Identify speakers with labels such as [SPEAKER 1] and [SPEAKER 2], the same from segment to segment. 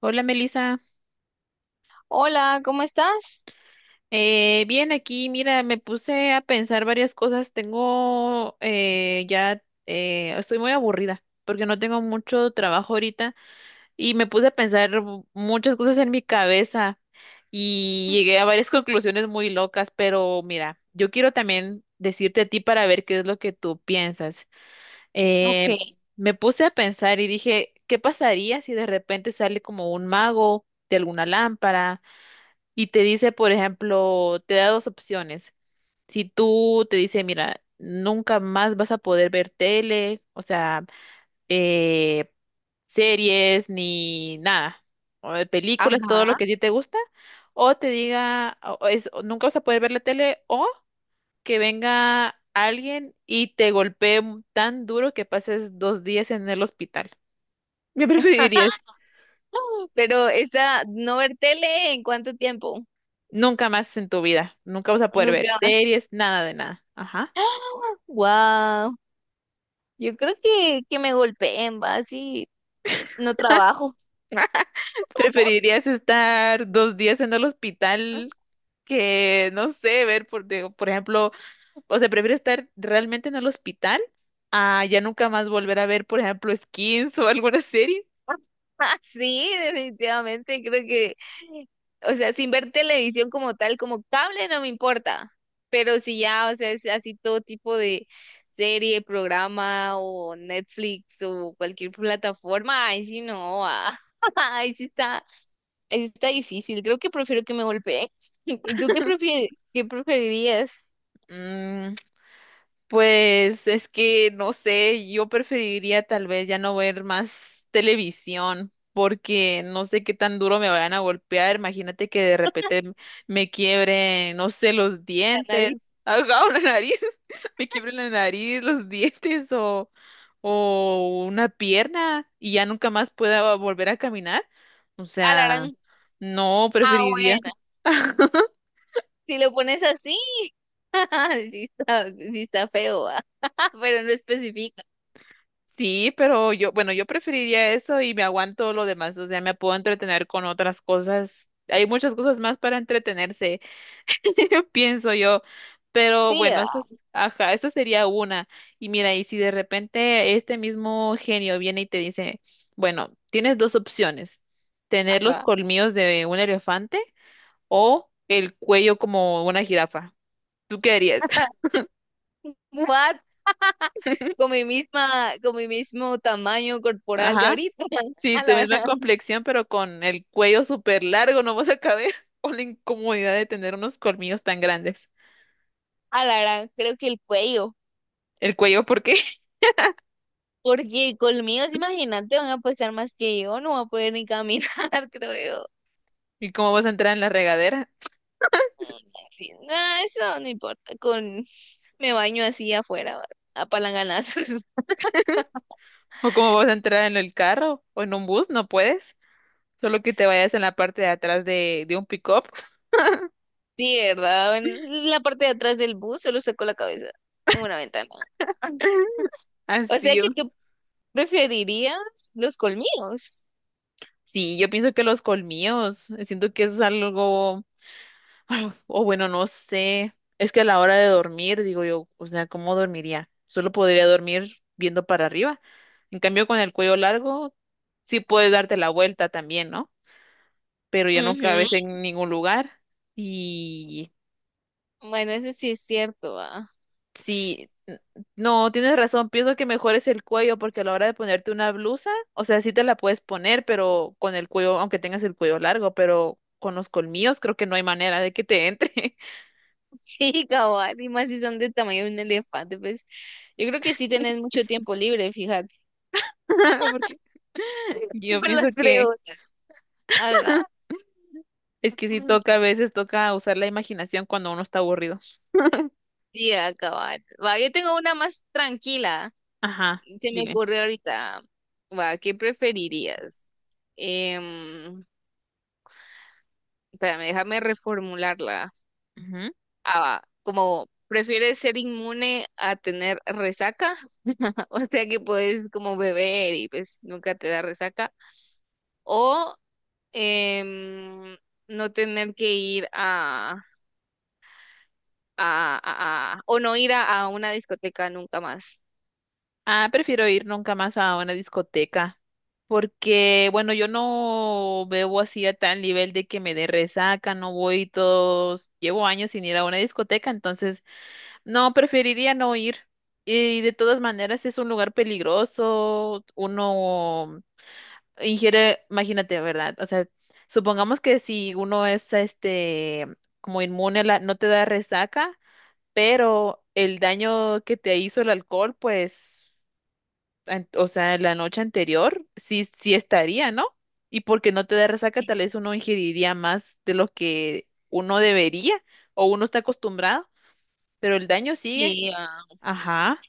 [SPEAKER 1] Hola Melissa.
[SPEAKER 2] Hola, ¿cómo estás?
[SPEAKER 1] Bien aquí, mira, me puse a pensar varias cosas, estoy muy aburrida porque no tengo mucho trabajo ahorita y me puse a pensar muchas cosas en mi cabeza y llegué a varias conclusiones muy locas, pero mira, yo quiero también decirte a ti para ver qué es lo que tú piensas.
[SPEAKER 2] Ok.
[SPEAKER 1] Eh, Me puse a pensar y dije, ¿qué pasaría si de repente sale como un mago de alguna lámpara y te dice, por ejemplo, te da dos opciones? Si tú te dice, mira, nunca más vas a poder ver tele, o sea, eh, series ni nada, o de películas, todo lo
[SPEAKER 2] Ajá.
[SPEAKER 1] que a ti te gusta, o te diga, o nunca vas a poder ver la tele, o que venga alguien y te golpee tan duro que pases dos días en el hospital. ¿Me preferirías?
[SPEAKER 2] Pero esta, no ver tele ¿en cuánto tiempo?
[SPEAKER 1] Nunca más en tu vida, nunca vas a poder ver
[SPEAKER 2] Nunca más.
[SPEAKER 1] series, nada de nada. Ajá.
[SPEAKER 2] Wow, yo creo que, me golpeen, va, así no trabajo.
[SPEAKER 1] ¿Preferirías estar dos días en el hospital que, no sé, ver, por ejemplo, o sea, prefiero estar realmente en el hospital a ya nunca más volver a ver, por ejemplo, Skins o alguna serie?
[SPEAKER 2] Sí, definitivamente, creo que, o sea, sin ver televisión como tal, como cable no me importa, pero si ya, o sea, es así todo tipo de serie, programa o Netflix o cualquier plataforma, ahí sí no, ah, ahí sí está, ahí sí está difícil, creo que prefiero que me golpeen. ¿Y tú qué prefie qué preferirías?
[SPEAKER 1] Mm, pues es que no sé, yo preferiría tal vez ya no ver más televisión porque no sé qué tan duro me vayan a golpear. Imagínate que de repente me quiebre, no sé, los
[SPEAKER 2] La nariz.
[SPEAKER 1] dientes, ajá, o la nariz, me quiebre la nariz, los dientes o una pierna y ya nunca más pueda volver a caminar. O sea,
[SPEAKER 2] Alarán.
[SPEAKER 1] no
[SPEAKER 2] Ah,
[SPEAKER 1] preferiría.
[SPEAKER 2] bueno, si lo pones así. Sí está feo, ah. Pero no especifica.
[SPEAKER 1] Sí, pero yo, bueno, yo preferiría eso y me aguanto lo demás, o sea, me puedo entretener con otras cosas. Hay muchas cosas más para entretenerse, pienso yo. Pero
[SPEAKER 2] Sí,
[SPEAKER 1] bueno, eso
[SPEAKER 2] ah,
[SPEAKER 1] es, ajá, eso sería una. Y mira, y si de repente este mismo genio viene y te dice, bueno, tienes dos opciones, tener los
[SPEAKER 2] ah.
[SPEAKER 1] colmillos de un elefante o el cuello como una jirafa. ¿Tú qué harías?
[SPEAKER 2] What? Con mi misma, con mi mismo tamaño corporal de
[SPEAKER 1] Ajá.
[SPEAKER 2] ahorita.
[SPEAKER 1] Sí,
[SPEAKER 2] A
[SPEAKER 1] tu
[SPEAKER 2] la,
[SPEAKER 1] misma complexión, pero con el cuello súper largo, no vas a caber. O la incomodidad de tener unos colmillos tan grandes.
[SPEAKER 2] a la gran, creo que el cuello.
[SPEAKER 1] ¿El cuello por qué?
[SPEAKER 2] Porque conmigo, imagínate, van a pasar más que yo, no voy a poder ni caminar, creo yo.
[SPEAKER 1] ¿Y cómo vas a entrar en la regadera?
[SPEAKER 2] Mm, en fin, nah, eso no importa. Con Me baño así afuera, va, a palanganazos.
[SPEAKER 1] ¿O cómo vas a entrar en el carro? ¿O en un bus? No puedes. Solo que te vayas en la parte de atrás de un pick-up.
[SPEAKER 2] Sí, ¿verdad? En la parte de atrás del bus solo saco la cabeza en una ventana. O sea
[SPEAKER 1] Así.
[SPEAKER 2] que tú preferirías los colmillos.
[SPEAKER 1] Sí, yo pienso que los colmillos, siento que es algo. O bueno, no sé. Es que a la hora de dormir, digo yo, o sea, ¿cómo dormiría? Solo podría dormir viendo para arriba. En cambio, con el cuello largo, sí puedes darte la vuelta también, ¿no? Pero ya no
[SPEAKER 2] Ujú.
[SPEAKER 1] cabes en ningún lugar. Y
[SPEAKER 2] Bueno, eso sí es cierto, ah.
[SPEAKER 1] sí, no, tienes razón. Pienso que mejor es el cuello, porque a la hora de ponerte una blusa, o sea, sí te la puedes poner, pero con el cuello, aunque tengas el cuello largo, pero con los colmillos creo que no hay manera de que te entre.
[SPEAKER 2] Sí, cabal, y más si son de tamaño de un elefante, pues yo creo que sí tenés mucho tiempo libre, fíjate.
[SPEAKER 1] Porque yo
[SPEAKER 2] Por
[SPEAKER 1] pienso
[SPEAKER 2] las
[SPEAKER 1] que
[SPEAKER 2] preguntas. Ajá.
[SPEAKER 1] es que sí toca, a veces toca usar la imaginación cuando uno está aburrido.
[SPEAKER 2] Sí, ah, cabal. Va, yo tengo una más tranquila.
[SPEAKER 1] Ajá,
[SPEAKER 2] Se me
[SPEAKER 1] dime.
[SPEAKER 2] ocurre ahorita. Va, ¿qué preferirías? Em, espérame, déjame reformularla.
[SPEAKER 1] Ujú.
[SPEAKER 2] A, como prefieres ser inmune a tener resaca, o sea que puedes como beber y pues nunca te da resaca, o em, no tener que ir a, o no ir a una discoteca nunca más.
[SPEAKER 1] Ah, prefiero ir nunca más a una discoteca. Porque, bueno, yo no bebo así a tal nivel de que me dé resaca, no voy todos, llevo años sin ir a una discoteca, entonces no, preferiría no ir. Y de todas maneras es un lugar peligroso, uno ingiere, imagínate, ¿verdad? O sea, supongamos que si uno es este como inmune a la, no te da resaca, pero el daño que te hizo el alcohol, pues, o sea, la noche anterior, sí, sí estaría, ¿no? Y porque no te da resaca, tal vez uno ingeriría más de lo que uno debería o uno está acostumbrado, pero el daño sigue.
[SPEAKER 2] Sí, ah,
[SPEAKER 1] Ajá.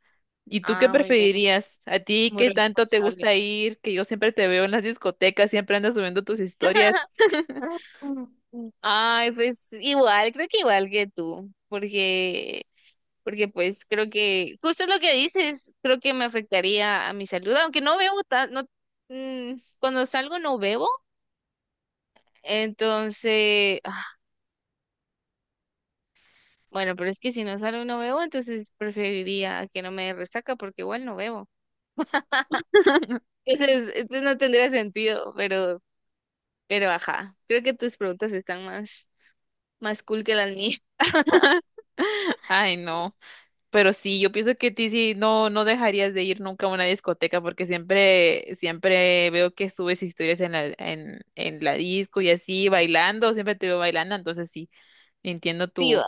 [SPEAKER 1] ¿Y tú qué
[SPEAKER 2] ah, muy bien,
[SPEAKER 1] preferirías? ¿A ti
[SPEAKER 2] muy
[SPEAKER 1] qué tanto te
[SPEAKER 2] responsable.
[SPEAKER 1] gusta ir? Que yo siempre te veo en las discotecas, siempre andas subiendo tus historias.
[SPEAKER 2] Ay, pues igual, creo que igual que tú, porque pues creo que justo lo que dices, creo que me afectaría a mi salud, aunque no bebo tan, no, mm, cuando salgo no bebo, entonces, ah, bueno, pero es que si no salgo y no bebo, entonces preferiría que no me dé resaca porque igual no bebo. Entonces no tendría sentido, pero ajá, creo que tus preguntas están más, más cool que las mías.
[SPEAKER 1] Ay, no. Pero sí, yo pienso que a ti sí no, no dejarías de ir nunca a una discoteca porque siempre, siempre veo que subes historias en la, en la disco y así, bailando, siempre te veo bailando, entonces sí, entiendo
[SPEAKER 2] Sí,
[SPEAKER 1] tu,
[SPEAKER 2] va.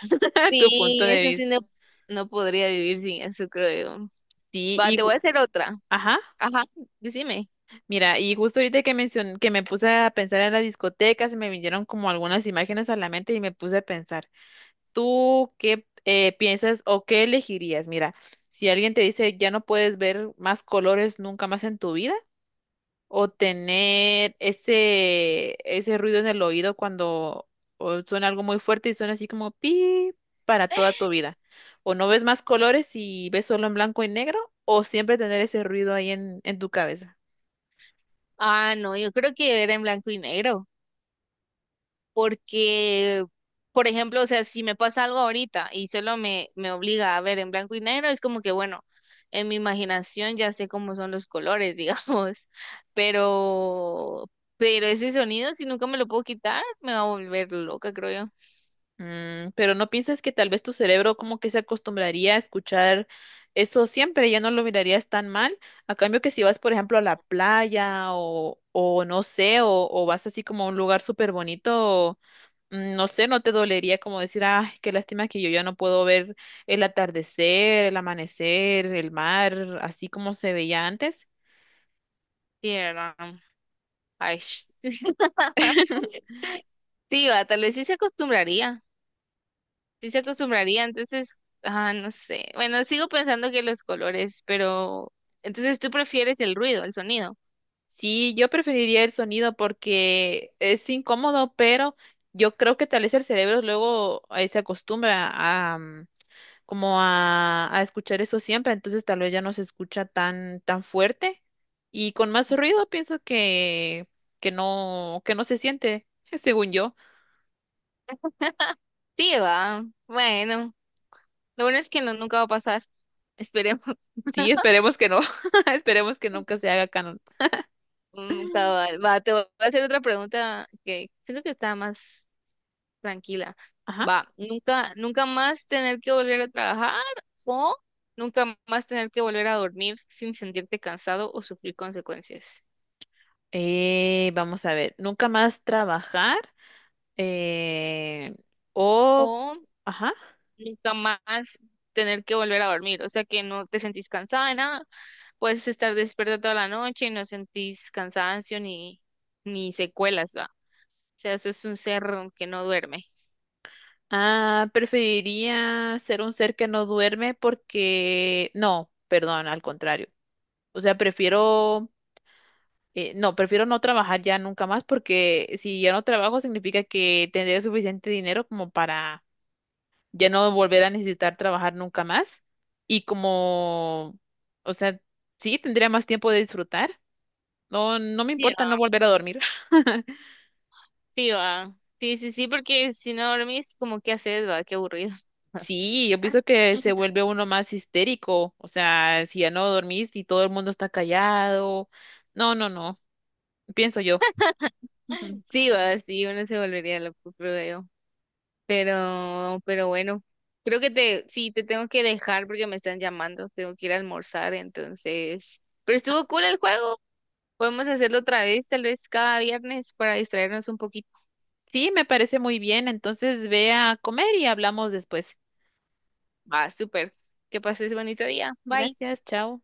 [SPEAKER 1] tu punto
[SPEAKER 2] Sí,
[SPEAKER 1] de
[SPEAKER 2] eso sí
[SPEAKER 1] vista.
[SPEAKER 2] no, no podría vivir sin eso, creo yo.
[SPEAKER 1] Sí,
[SPEAKER 2] Va, te voy a hacer otra.
[SPEAKER 1] ajá.
[SPEAKER 2] Ajá, decime.
[SPEAKER 1] Mira, y justo ahorita que que me puse a pensar en la discoteca se me vinieron como algunas imágenes a la mente y me puse a pensar, ¿tú qué piensas o qué elegirías? Mira, si alguien te dice ya no puedes ver más colores nunca más en tu vida, o tener ese, ese ruido en el oído cuando o suena algo muy fuerte y suena así como pi para toda tu vida, o no ves más colores y ves solo en blanco y negro, o siempre tener ese ruido ahí en tu cabeza.
[SPEAKER 2] Ah, no, yo creo que era en blanco y negro, porque, por ejemplo, o sea, si me pasa algo ahorita y solo me, me obliga a ver en blanco y negro, es como que, bueno, en mi imaginación ya sé cómo son los colores, digamos, pero, pero ese sonido, si nunca me lo puedo quitar, me va a volver loca, creo yo.
[SPEAKER 1] Mm, pero no piensas que tal vez tu cerebro como que se acostumbraría a escuchar eso siempre, ya no lo mirarías tan mal. A cambio que si vas, por ejemplo, a la playa o no sé, o vas así como a un lugar súper bonito, mm, no sé, no te dolería como decir, ay, qué lástima que yo ya no puedo ver el atardecer, el amanecer, el mar, así como se veía antes.
[SPEAKER 2] Sí, ¿verdad? Ay, sí, va, tal vez sí se acostumbraría. Sí se acostumbraría, entonces, ah, no sé. Bueno, sigo pensando que los colores, pero entonces tú prefieres el ruido, el sonido.
[SPEAKER 1] Sí, yo preferiría el sonido porque es incómodo, pero yo creo que tal vez el cerebro luego se acostumbra a mm, como a escuchar eso siempre, entonces tal vez ya no se escucha tan fuerte y con más ruido pienso que que no se siente, según yo.
[SPEAKER 2] Sí, va. Bueno, lo bueno es que no, nunca va a pasar. Esperemos.
[SPEAKER 1] Sí, esperemos que no, esperemos que nunca se haga canon.
[SPEAKER 2] Mm, cabal. Va, te voy a hacer otra pregunta que creo que está más tranquila.
[SPEAKER 1] Ajá.
[SPEAKER 2] Va, nunca más tener que volver a trabajar o nunca más tener que volver a dormir sin sentirte cansado o sufrir consecuencias.
[SPEAKER 1] Vamos a ver, nunca más trabajar eh, o
[SPEAKER 2] O
[SPEAKER 1] ajá.
[SPEAKER 2] nunca más tener que volver a dormir, o sea que no te sentís cansada de nada, puedes estar despierta toda la noche y no sentís cansancio ni, ni secuelas, ¿va? O sea, eso es un cerro que no duerme.
[SPEAKER 1] Ah, preferiría ser un ser que no duerme porque, no, perdón, al contrario. O sea, no, prefiero no trabajar ya nunca más porque si ya no trabajo significa que tendré suficiente dinero como para ya no volver a necesitar trabajar nunca más. Y como, o sea, sí, tendría más tiempo de disfrutar. No, no me
[SPEAKER 2] Sí,
[SPEAKER 1] importa no
[SPEAKER 2] va.
[SPEAKER 1] volver a dormir.
[SPEAKER 2] Sí, va. Sí, sí, sí, porque si no dormís, como qué haces, va, qué aburrido.
[SPEAKER 1] Sí, yo pienso que se vuelve uno más histérico, o sea, si ya no dormís y todo el mundo está callado. No, no, no, pienso yo. Ujú.
[SPEAKER 2] Sí, va, sí, uno se volvería loco, creo yo. Pero bueno, creo que te, sí, te tengo que dejar porque me están llamando, tengo que ir a almorzar, entonces. Pero estuvo cool el juego. Podemos hacerlo otra vez, tal vez cada viernes, para distraernos un poquito.
[SPEAKER 1] Sí, me parece muy bien, entonces ve a comer y hablamos después.
[SPEAKER 2] Va, súper. Que pases bonito día. Bye.
[SPEAKER 1] Gracias, chao.